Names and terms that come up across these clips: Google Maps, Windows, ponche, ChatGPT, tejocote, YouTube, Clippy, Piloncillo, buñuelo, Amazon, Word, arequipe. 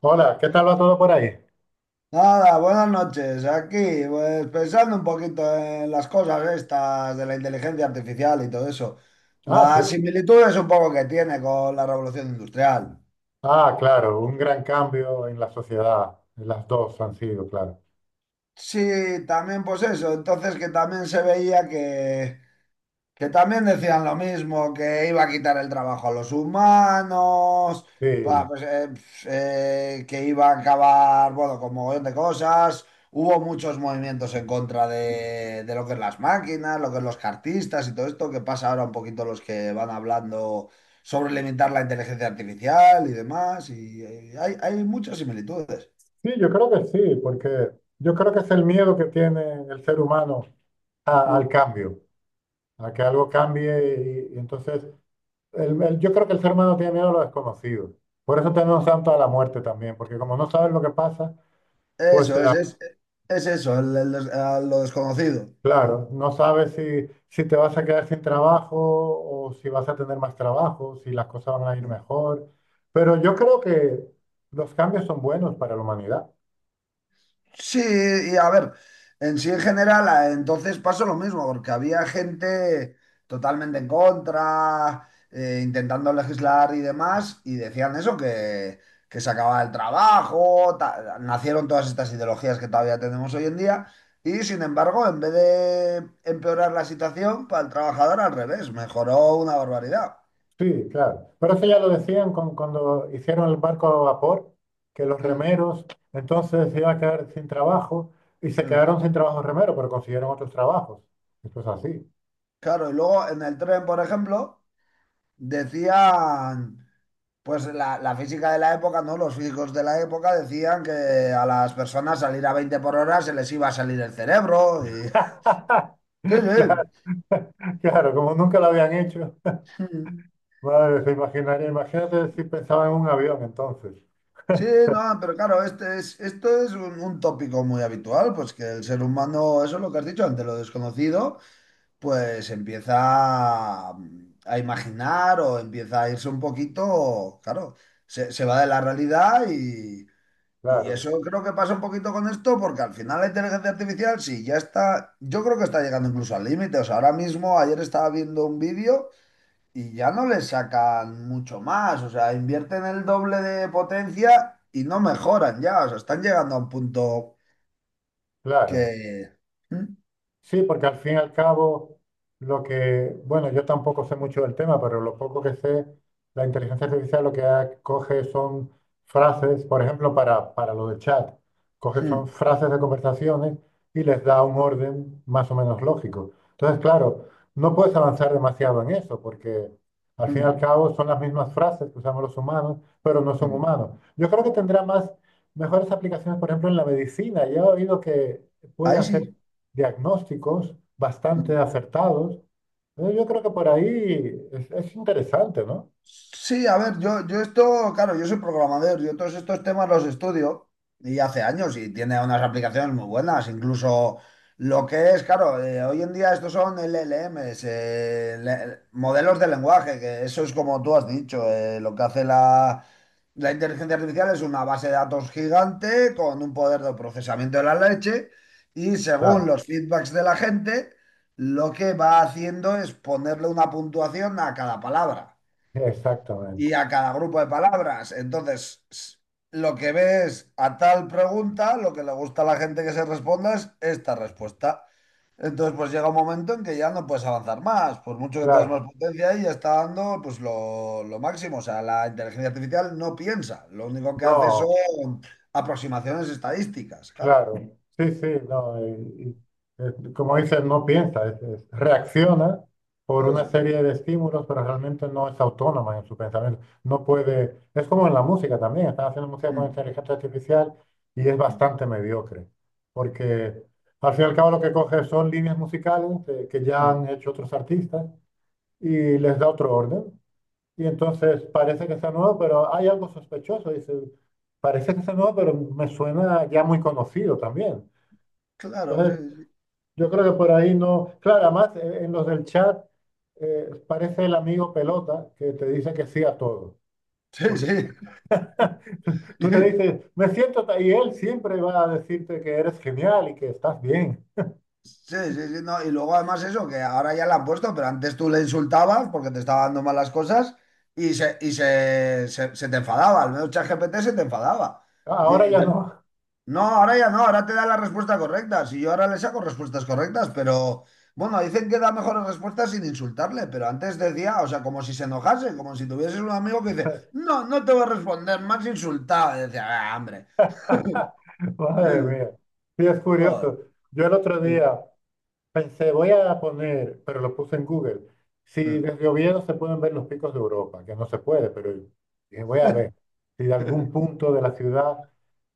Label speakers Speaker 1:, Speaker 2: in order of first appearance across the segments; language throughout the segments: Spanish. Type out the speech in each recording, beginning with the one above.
Speaker 1: Hola, ¿qué tal va todo por ahí?
Speaker 2: Nada, buenas noches. Aquí, pues pensando un poquito en las cosas estas de la inteligencia artificial y todo eso.
Speaker 1: Ah,
Speaker 2: Las
Speaker 1: sí.
Speaker 2: similitudes un poco que tiene con la revolución industrial.
Speaker 1: Ah, claro, un gran cambio en la sociedad. Las dos han sido, claro.
Speaker 2: Sí, también pues eso. Entonces que también se veía que también decían lo mismo, que iba a quitar el trabajo a los humanos, pa-
Speaker 1: Sí,
Speaker 2: pues, eh, pf, que iba a acabar, bueno, con mogollón de cosas. Hubo muchos movimientos en contra de lo que es las máquinas, lo que es los cartistas y todo esto, que pasa ahora un poquito los que van hablando sobre limitar la inteligencia artificial y demás. Y, hay muchas similitudes.
Speaker 1: sí, yo creo que sí, porque yo creo que es el miedo que tiene el ser humano
Speaker 2: Mm.
Speaker 1: al cambio, a que algo cambie. Y entonces, yo creo que el ser humano tiene miedo a lo desconocido. Por eso tenemos tanto a la muerte también, porque como no sabes lo que pasa.
Speaker 2: Eso es, eso, a lo desconocido. Mm.
Speaker 1: Claro, no sabes si, si te vas a quedar sin trabajo o si vas a tener más trabajo, si las cosas van a ir mejor. Pero yo creo que los cambios son buenos para la humanidad.
Speaker 2: Sí, y a ver, en sí en general, entonces pasó lo mismo, porque había gente totalmente en contra, intentando legislar y demás, y decían eso, que se acababa el trabajo, nacieron todas estas ideologías que todavía tenemos hoy en día, y sin embargo, en vez de empeorar la situación para el trabajador, al revés, mejoró una barbaridad.
Speaker 1: Sí, claro. Pero eso ya lo decían cuando hicieron el barco a vapor, que los
Speaker 2: Mm,
Speaker 1: remeros entonces se iban a quedar sin trabajo y se
Speaker 2: mm.
Speaker 1: quedaron sin trabajo remeros, pero consiguieron otros trabajos. Esto es así.
Speaker 2: Claro, y luego en el tren, por ejemplo, decían... Pues la física de la época, ¿no? Los físicos de la época decían que a las personas salir a 20 por hora se les iba a salir el cerebro. Y... Sí, sí.
Speaker 1: Claro, claro, como nunca lo habían hecho. Madre, se imaginaría, imagínate si pensaba en un avión entonces.
Speaker 2: Sí, no, pero claro, esto es un tópico muy habitual, pues que el ser humano, eso es lo que has dicho, ante lo desconocido, pues empieza a, a imaginar o empieza a irse un poquito, claro, se va de la realidad. Y
Speaker 1: Claro.
Speaker 2: eso creo que pasa un poquito con esto, porque al final la inteligencia artificial, sí, ya está, yo creo que está llegando incluso al límite. O sea, ahora mismo, ayer estaba viendo un vídeo y ya no le sacan mucho más. O sea, invierten el doble de potencia y no mejoran ya. O sea, están llegando a un punto
Speaker 1: Claro,
Speaker 2: que... Mm,
Speaker 1: sí, porque al fin y al cabo, lo que, bueno, yo tampoco sé mucho del tema, pero lo poco que sé, la inteligencia artificial lo que coge son frases, por ejemplo, para lo del chat, coge son
Speaker 2: mm,
Speaker 1: frases de conversaciones y les da un orden más o menos lógico. Entonces, claro, no puedes avanzar demasiado en eso, porque al fin y
Speaker 2: mm,
Speaker 1: al cabo son las mismas frases que usamos los humanos, pero no son
Speaker 2: mm.
Speaker 1: humanos. Yo creo que tendrá más, mejores aplicaciones, por ejemplo, en la medicina. Yo he oído que puede
Speaker 2: Ahí
Speaker 1: hacer
Speaker 2: sí.
Speaker 1: diagnósticos bastante
Speaker 2: Hmm.
Speaker 1: acertados. Entonces, yo creo que por ahí es interesante, ¿no?
Speaker 2: Sí, a ver, yo esto, claro, yo soy programador, yo todos estos temas los estudio y hace años y tiene unas aplicaciones muy buenas, incluso lo que es, claro, hoy en día estos son LLMs, modelos de lenguaje, que eso es como tú has dicho, lo que hace la inteligencia artificial es una base de datos gigante con un poder de procesamiento de la leche y
Speaker 1: Claro,
Speaker 2: según los feedbacks de la gente, lo que va haciendo es ponerle una puntuación a cada palabra
Speaker 1: exactamente.
Speaker 2: y a cada grupo de palabras. Entonces, lo que ves a tal pregunta, lo que le gusta a la gente que se responda es esta respuesta. Entonces, pues llega un momento en que ya no puedes avanzar más, por mucho que tengas más
Speaker 1: Claro,
Speaker 2: potencia y ya está dando pues lo máximo. O sea, la inteligencia artificial no piensa, lo único que hace
Speaker 1: no.
Speaker 2: son aproximaciones estadísticas, claro.
Speaker 1: Claro, sí, sí, no, como dices, no piensa, reacciona por una
Speaker 2: Eso.
Speaker 1: serie de estímulos, pero realmente no es autónoma en su pensamiento. No puede, es como en la música también, están haciendo música con
Speaker 2: Mm,
Speaker 1: inteligencia artificial y es
Speaker 2: mm,
Speaker 1: bastante mediocre, porque al fin y al cabo lo que coge son líneas musicales que ya
Speaker 2: mm.
Speaker 1: han hecho otros artistas y les da otro orden. Y entonces parece que está nuevo, pero hay algo sospechoso. Dice, parece que está nuevo, pero me suena ya muy conocido también.
Speaker 2: Claro, sí,
Speaker 1: Entonces,
Speaker 2: sí.
Speaker 1: yo creo que por ahí no. Claro, además en los del chat parece el amigo pelota que te dice que sí a todo.
Speaker 2: Sí,
Speaker 1: Porque
Speaker 2: sí.
Speaker 1: tú le dices, me siento, ta-", y él siempre va a decirte que eres genial y que estás bien.
Speaker 2: Sí, sí, sí, no. Y luego además eso, que ahora ya la han puesto, pero antes tú le insultabas porque te estaba dando malas cosas y se te enfadaba, al menos ChatGPT se te enfadaba.
Speaker 1: Ah,
Speaker 2: Y-
Speaker 1: ahora
Speaker 2: y
Speaker 1: ya
Speaker 2: te-
Speaker 1: no.
Speaker 2: no, ahora ya no, ahora te da la respuesta correcta. Si yo ahora le saco respuestas correctas, pero bueno, dicen que da mejores respuestas sin insultarle, pero antes decía, o sea, como si se enojase, como si tuvieses un amigo que dice, no, no te voy a responder, más insultado. Y decía, ah, hombre. Sí,
Speaker 1: Madre
Speaker 2: sí.
Speaker 1: mía. Sí, es
Speaker 2: Joder,
Speaker 1: curioso. Yo el otro día. Pensé, voy a poner, pero lo puse en Google, si desde Oviedo se pueden ver los picos de Europa, que no se puede, pero dije, voy a ver si de algún punto de la ciudad,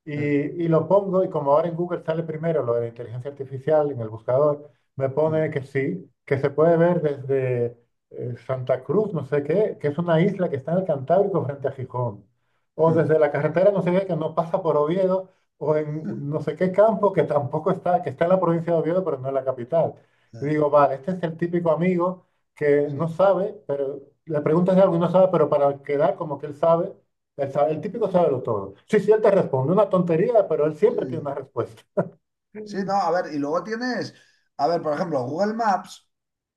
Speaker 1: y lo pongo, y como ahora en Google sale primero lo de la inteligencia artificial en el buscador, me
Speaker 2: sí.
Speaker 1: pone que sí, que se puede ver desde Santa Cruz, no sé qué, que es una isla que está en el Cantábrico frente a Gijón, o desde la carretera, no sé qué, que no pasa por Oviedo, o en no sé qué campo que tampoco está, que está en la provincia de Oviedo, pero no en la capital. Y digo, vale, este es el típico amigo que no
Speaker 2: Sí,
Speaker 1: sabe, pero le preguntas de algo y no sabe, pero para quedar como que él sabe, el típico sabe lo todo. Sí, sí, él te responde una tontería, pero él siempre tiene una
Speaker 2: sí.
Speaker 1: respuesta.
Speaker 2: Sí, no, a ver, y luego tienes, a ver, por ejemplo, Google Maps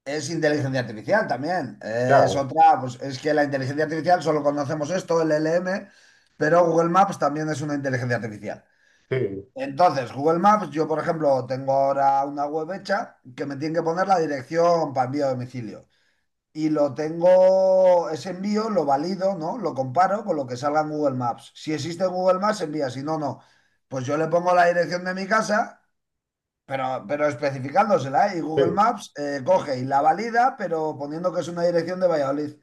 Speaker 2: es inteligencia artificial también. Es
Speaker 1: Claro,
Speaker 2: otra, pues es que la inteligencia artificial solo conocemos esto, el L M, pero Google Maps también es una inteligencia artificial.
Speaker 1: sí,
Speaker 2: Entonces, Google Maps, yo por ejemplo, tengo ahora una web hecha que me tiene que poner la dirección para envío a domicilio. Y lo tengo, ese envío lo valido, ¿no? Lo comparo con lo que salga en Google Maps. Si existe en Google Maps, envía, si no, no. Pues yo le pongo la dirección de mi casa, pero especificándosela, ¿eh? Y Google
Speaker 1: sí.
Speaker 2: Maps coge y la valida, pero poniendo que es una dirección de Valladolid.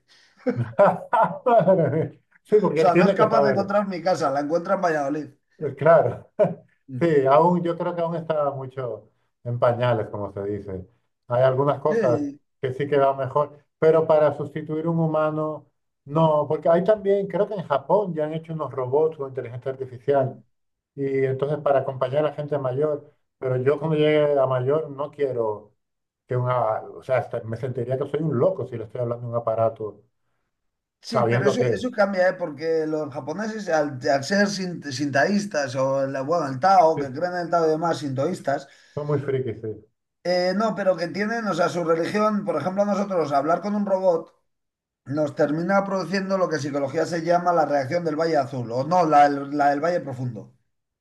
Speaker 1: Sí, porque
Speaker 2: O
Speaker 1: él
Speaker 2: sea, no es
Speaker 1: tiene que
Speaker 2: capaz de
Speaker 1: saberlo.
Speaker 2: encontrar mi casa, la encuentra en Valladolid.
Speaker 1: Claro.
Speaker 2: Mm.
Speaker 1: Sí, aún, yo creo que aún está mucho en pañales, como se dice. Hay algunas cosas
Speaker 2: Sí,
Speaker 1: que sí que va mejor, pero para sustituir un humano, no, porque hay también, creo que en Japón ya han hecho unos robots con inteligencia artificial,
Speaker 2: mm.
Speaker 1: y entonces para acompañar a gente mayor, pero yo cuando llegue a mayor no quiero que una, o sea, hasta me sentiría que soy un loco si le estoy hablando a un aparato,
Speaker 2: Sí, pero
Speaker 1: sabiendo
Speaker 2: eso,
Speaker 1: que,
Speaker 2: eso cambia, ¿eh? Porque los japoneses, al ser sintaístas o el, bueno, el Tao, que
Speaker 1: sí,
Speaker 2: creen en el Tao y demás, sintoístas.
Speaker 1: son muy frikis, sí.
Speaker 2: No, pero que tienen, o sea, su religión, por ejemplo, a nosotros hablar con un robot nos termina produciendo lo que en psicología se llama la reacción del Valle Azul, o no, la del Valle Profundo.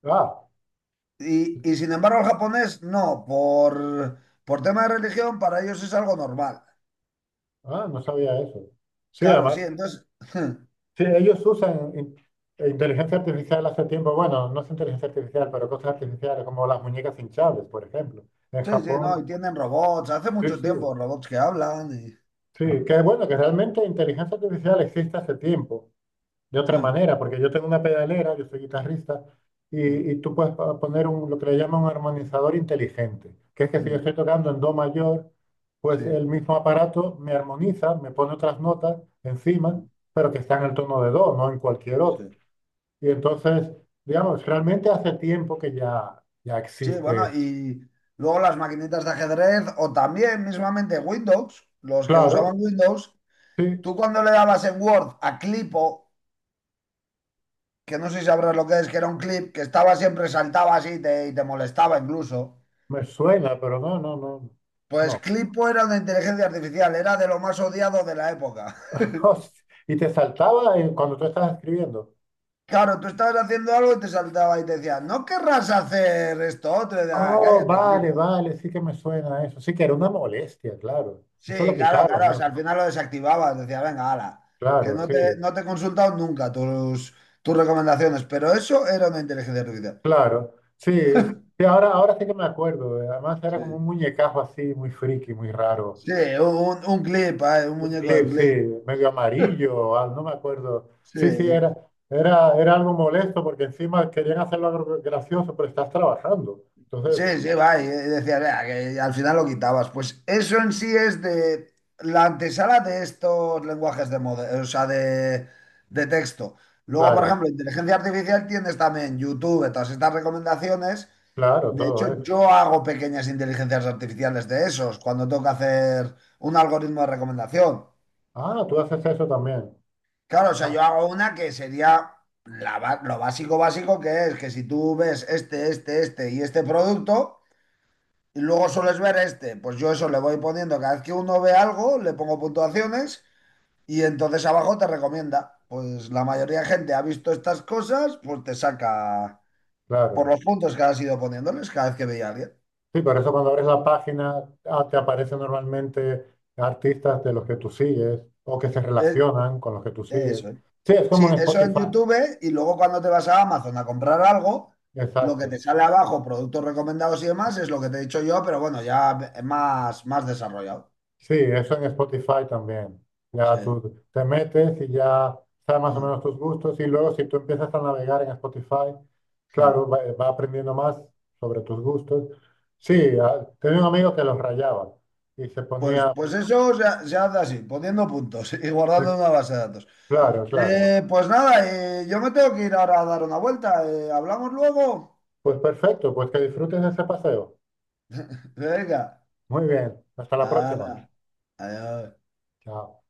Speaker 1: Ah,
Speaker 2: Y y sin embargo, el japonés no, por tema de religión, para ellos es algo normal.
Speaker 1: ah, no sabía eso. Sí,
Speaker 2: Claro, sí,
Speaker 1: además.
Speaker 2: entonces.
Speaker 1: Sí, ellos usan inteligencia artificial hace tiempo, bueno, no es inteligencia artificial, pero cosas artificiales como las muñecas hinchables, por ejemplo. En
Speaker 2: Sí, sí, no,
Speaker 1: Japón,
Speaker 2: y tienen robots, hace
Speaker 1: sí,
Speaker 2: mucho
Speaker 1: sí,
Speaker 2: tiempo robots que hablan.
Speaker 1: sí, que bueno, que realmente inteligencia artificial existe hace tiempo, de otra manera, porque yo tengo una pedalera, yo soy guitarrista, y tú puedes poner un, lo que le llaman un armonizador inteligente, que es que si yo estoy tocando en do mayor, pues
Speaker 2: Sí,
Speaker 1: el mismo aparato me armoniza, me pone otras notas encima, pero que están en el tono de do, no en cualquier otro.
Speaker 2: sí.
Speaker 1: Y entonces, digamos, realmente hace tiempo que ya, ya
Speaker 2: Sí, bueno,
Speaker 1: existe.
Speaker 2: y luego las maquinitas de ajedrez o también mismamente Windows, los que usaban
Speaker 1: Claro,
Speaker 2: Windows,
Speaker 1: sí,
Speaker 2: tú cuando le dabas en Word a clipo, que no sé si sabrás lo que es, que era un clip que estaba siempre, saltaba así y te molestaba incluso,
Speaker 1: me suena, pero no, no, no,
Speaker 2: pues
Speaker 1: no.
Speaker 2: clipo era una inteligencia artificial, era de lo más odiado de la época.
Speaker 1: Y te saltaba cuando tú estabas escribiendo.
Speaker 2: Claro, tú estabas haciendo algo y te saltaba y te decía, ¿no querrás hacer esto otro? Y decía, "Ah,
Speaker 1: Oh,
Speaker 2: cállate,
Speaker 1: vale,
Speaker 2: clipo".
Speaker 1: vale, sí que me suena eso. Sí que era una molestia, claro.
Speaker 2: Sí,
Speaker 1: Eso lo
Speaker 2: claro,
Speaker 1: quitaron,
Speaker 2: claro. O
Speaker 1: ¿no?
Speaker 2: sea, al final lo desactivabas. Decía, venga, ala, que
Speaker 1: Claro,
Speaker 2: no
Speaker 1: sí,
Speaker 2: te, no te he consultado nunca tus recomendaciones. Pero eso era una inteligencia artificial.
Speaker 1: claro. Sí, sí, ahora, ahora sí que me acuerdo. Además era
Speaker 2: Sí,
Speaker 1: como un muñecajo así, muy friki, muy raro.
Speaker 2: sí, sí. Un clip, ay, un muñeco
Speaker 1: Clip,
Speaker 2: de
Speaker 1: sí,
Speaker 2: clip.
Speaker 1: medio amarillo, ah, no me acuerdo.
Speaker 2: Sí,
Speaker 1: Sí, sí, era algo molesto porque encima querían hacerlo algo gracioso, pero estás trabajando. Entonces,
Speaker 2: sí, sí, va. Y decía, "Vea", que al final lo quitabas. Pues eso en sí es de la antesala de estos lenguajes de o sea, de texto. Luego, por
Speaker 1: claro,
Speaker 2: ejemplo, inteligencia artificial tienes también YouTube, todas estas recomendaciones.
Speaker 1: claro,
Speaker 2: De
Speaker 1: todo
Speaker 2: hecho,
Speaker 1: eso.
Speaker 2: yo hago pequeñas inteligencias artificiales de esos cuando tengo que hacer un algoritmo de recomendación.
Speaker 1: Ah, tú haces eso también.
Speaker 2: Claro, o sea,
Speaker 1: Ah,
Speaker 2: yo hago una que sería lo básico básico, que es que si tú ves este, este, este y este producto y luego sueles ver este, pues yo eso le voy poniendo cada vez que uno ve algo, le pongo puntuaciones y entonces abajo te recomienda. Pues la mayoría de gente ha visto estas cosas, pues te saca por
Speaker 1: claro.
Speaker 2: los puntos que has ido poniéndoles cada vez que veía a alguien.
Speaker 1: Sí, por eso cuando abres la página, ah, te aparecen normalmente artistas de los que tú sigues o que se
Speaker 2: Eh,
Speaker 1: relacionan con los que tú sigues.
Speaker 2: Eso es.
Speaker 1: Sí, es
Speaker 2: Sí,
Speaker 1: como en
Speaker 2: eso en
Speaker 1: Spotify.
Speaker 2: YouTube y luego cuando te vas a Amazon a comprar algo, lo que
Speaker 1: Exacto.
Speaker 2: te sale abajo, productos recomendados y demás, es lo que te he dicho yo, pero bueno, ya es más, más desarrollado.
Speaker 1: Sí, eso en Spotify también. Ya
Speaker 2: Sí.
Speaker 1: tú te metes y ya sabes más o
Speaker 2: Mm,
Speaker 1: menos tus gustos y luego si tú empiezas a navegar en Spotify,
Speaker 2: mm.
Speaker 1: claro, va, va aprendiendo más sobre tus gustos.
Speaker 2: Sí.
Speaker 1: Sí, ah, tenía un amigo que los rayaba y se
Speaker 2: Pues,
Speaker 1: ponía...
Speaker 2: pues eso se hace así, poniendo puntos y
Speaker 1: eh,
Speaker 2: guardando una base de datos.
Speaker 1: Claro, claro.
Speaker 2: Pues nada, yo me tengo que ir ahora a dar una vuelta. ¿Hablamos luego?
Speaker 1: Pues perfecto, pues que disfrutes de ese paseo.
Speaker 2: Venga.
Speaker 1: Muy bien, hasta la próxima.
Speaker 2: Hala. Adiós.
Speaker 1: Chao.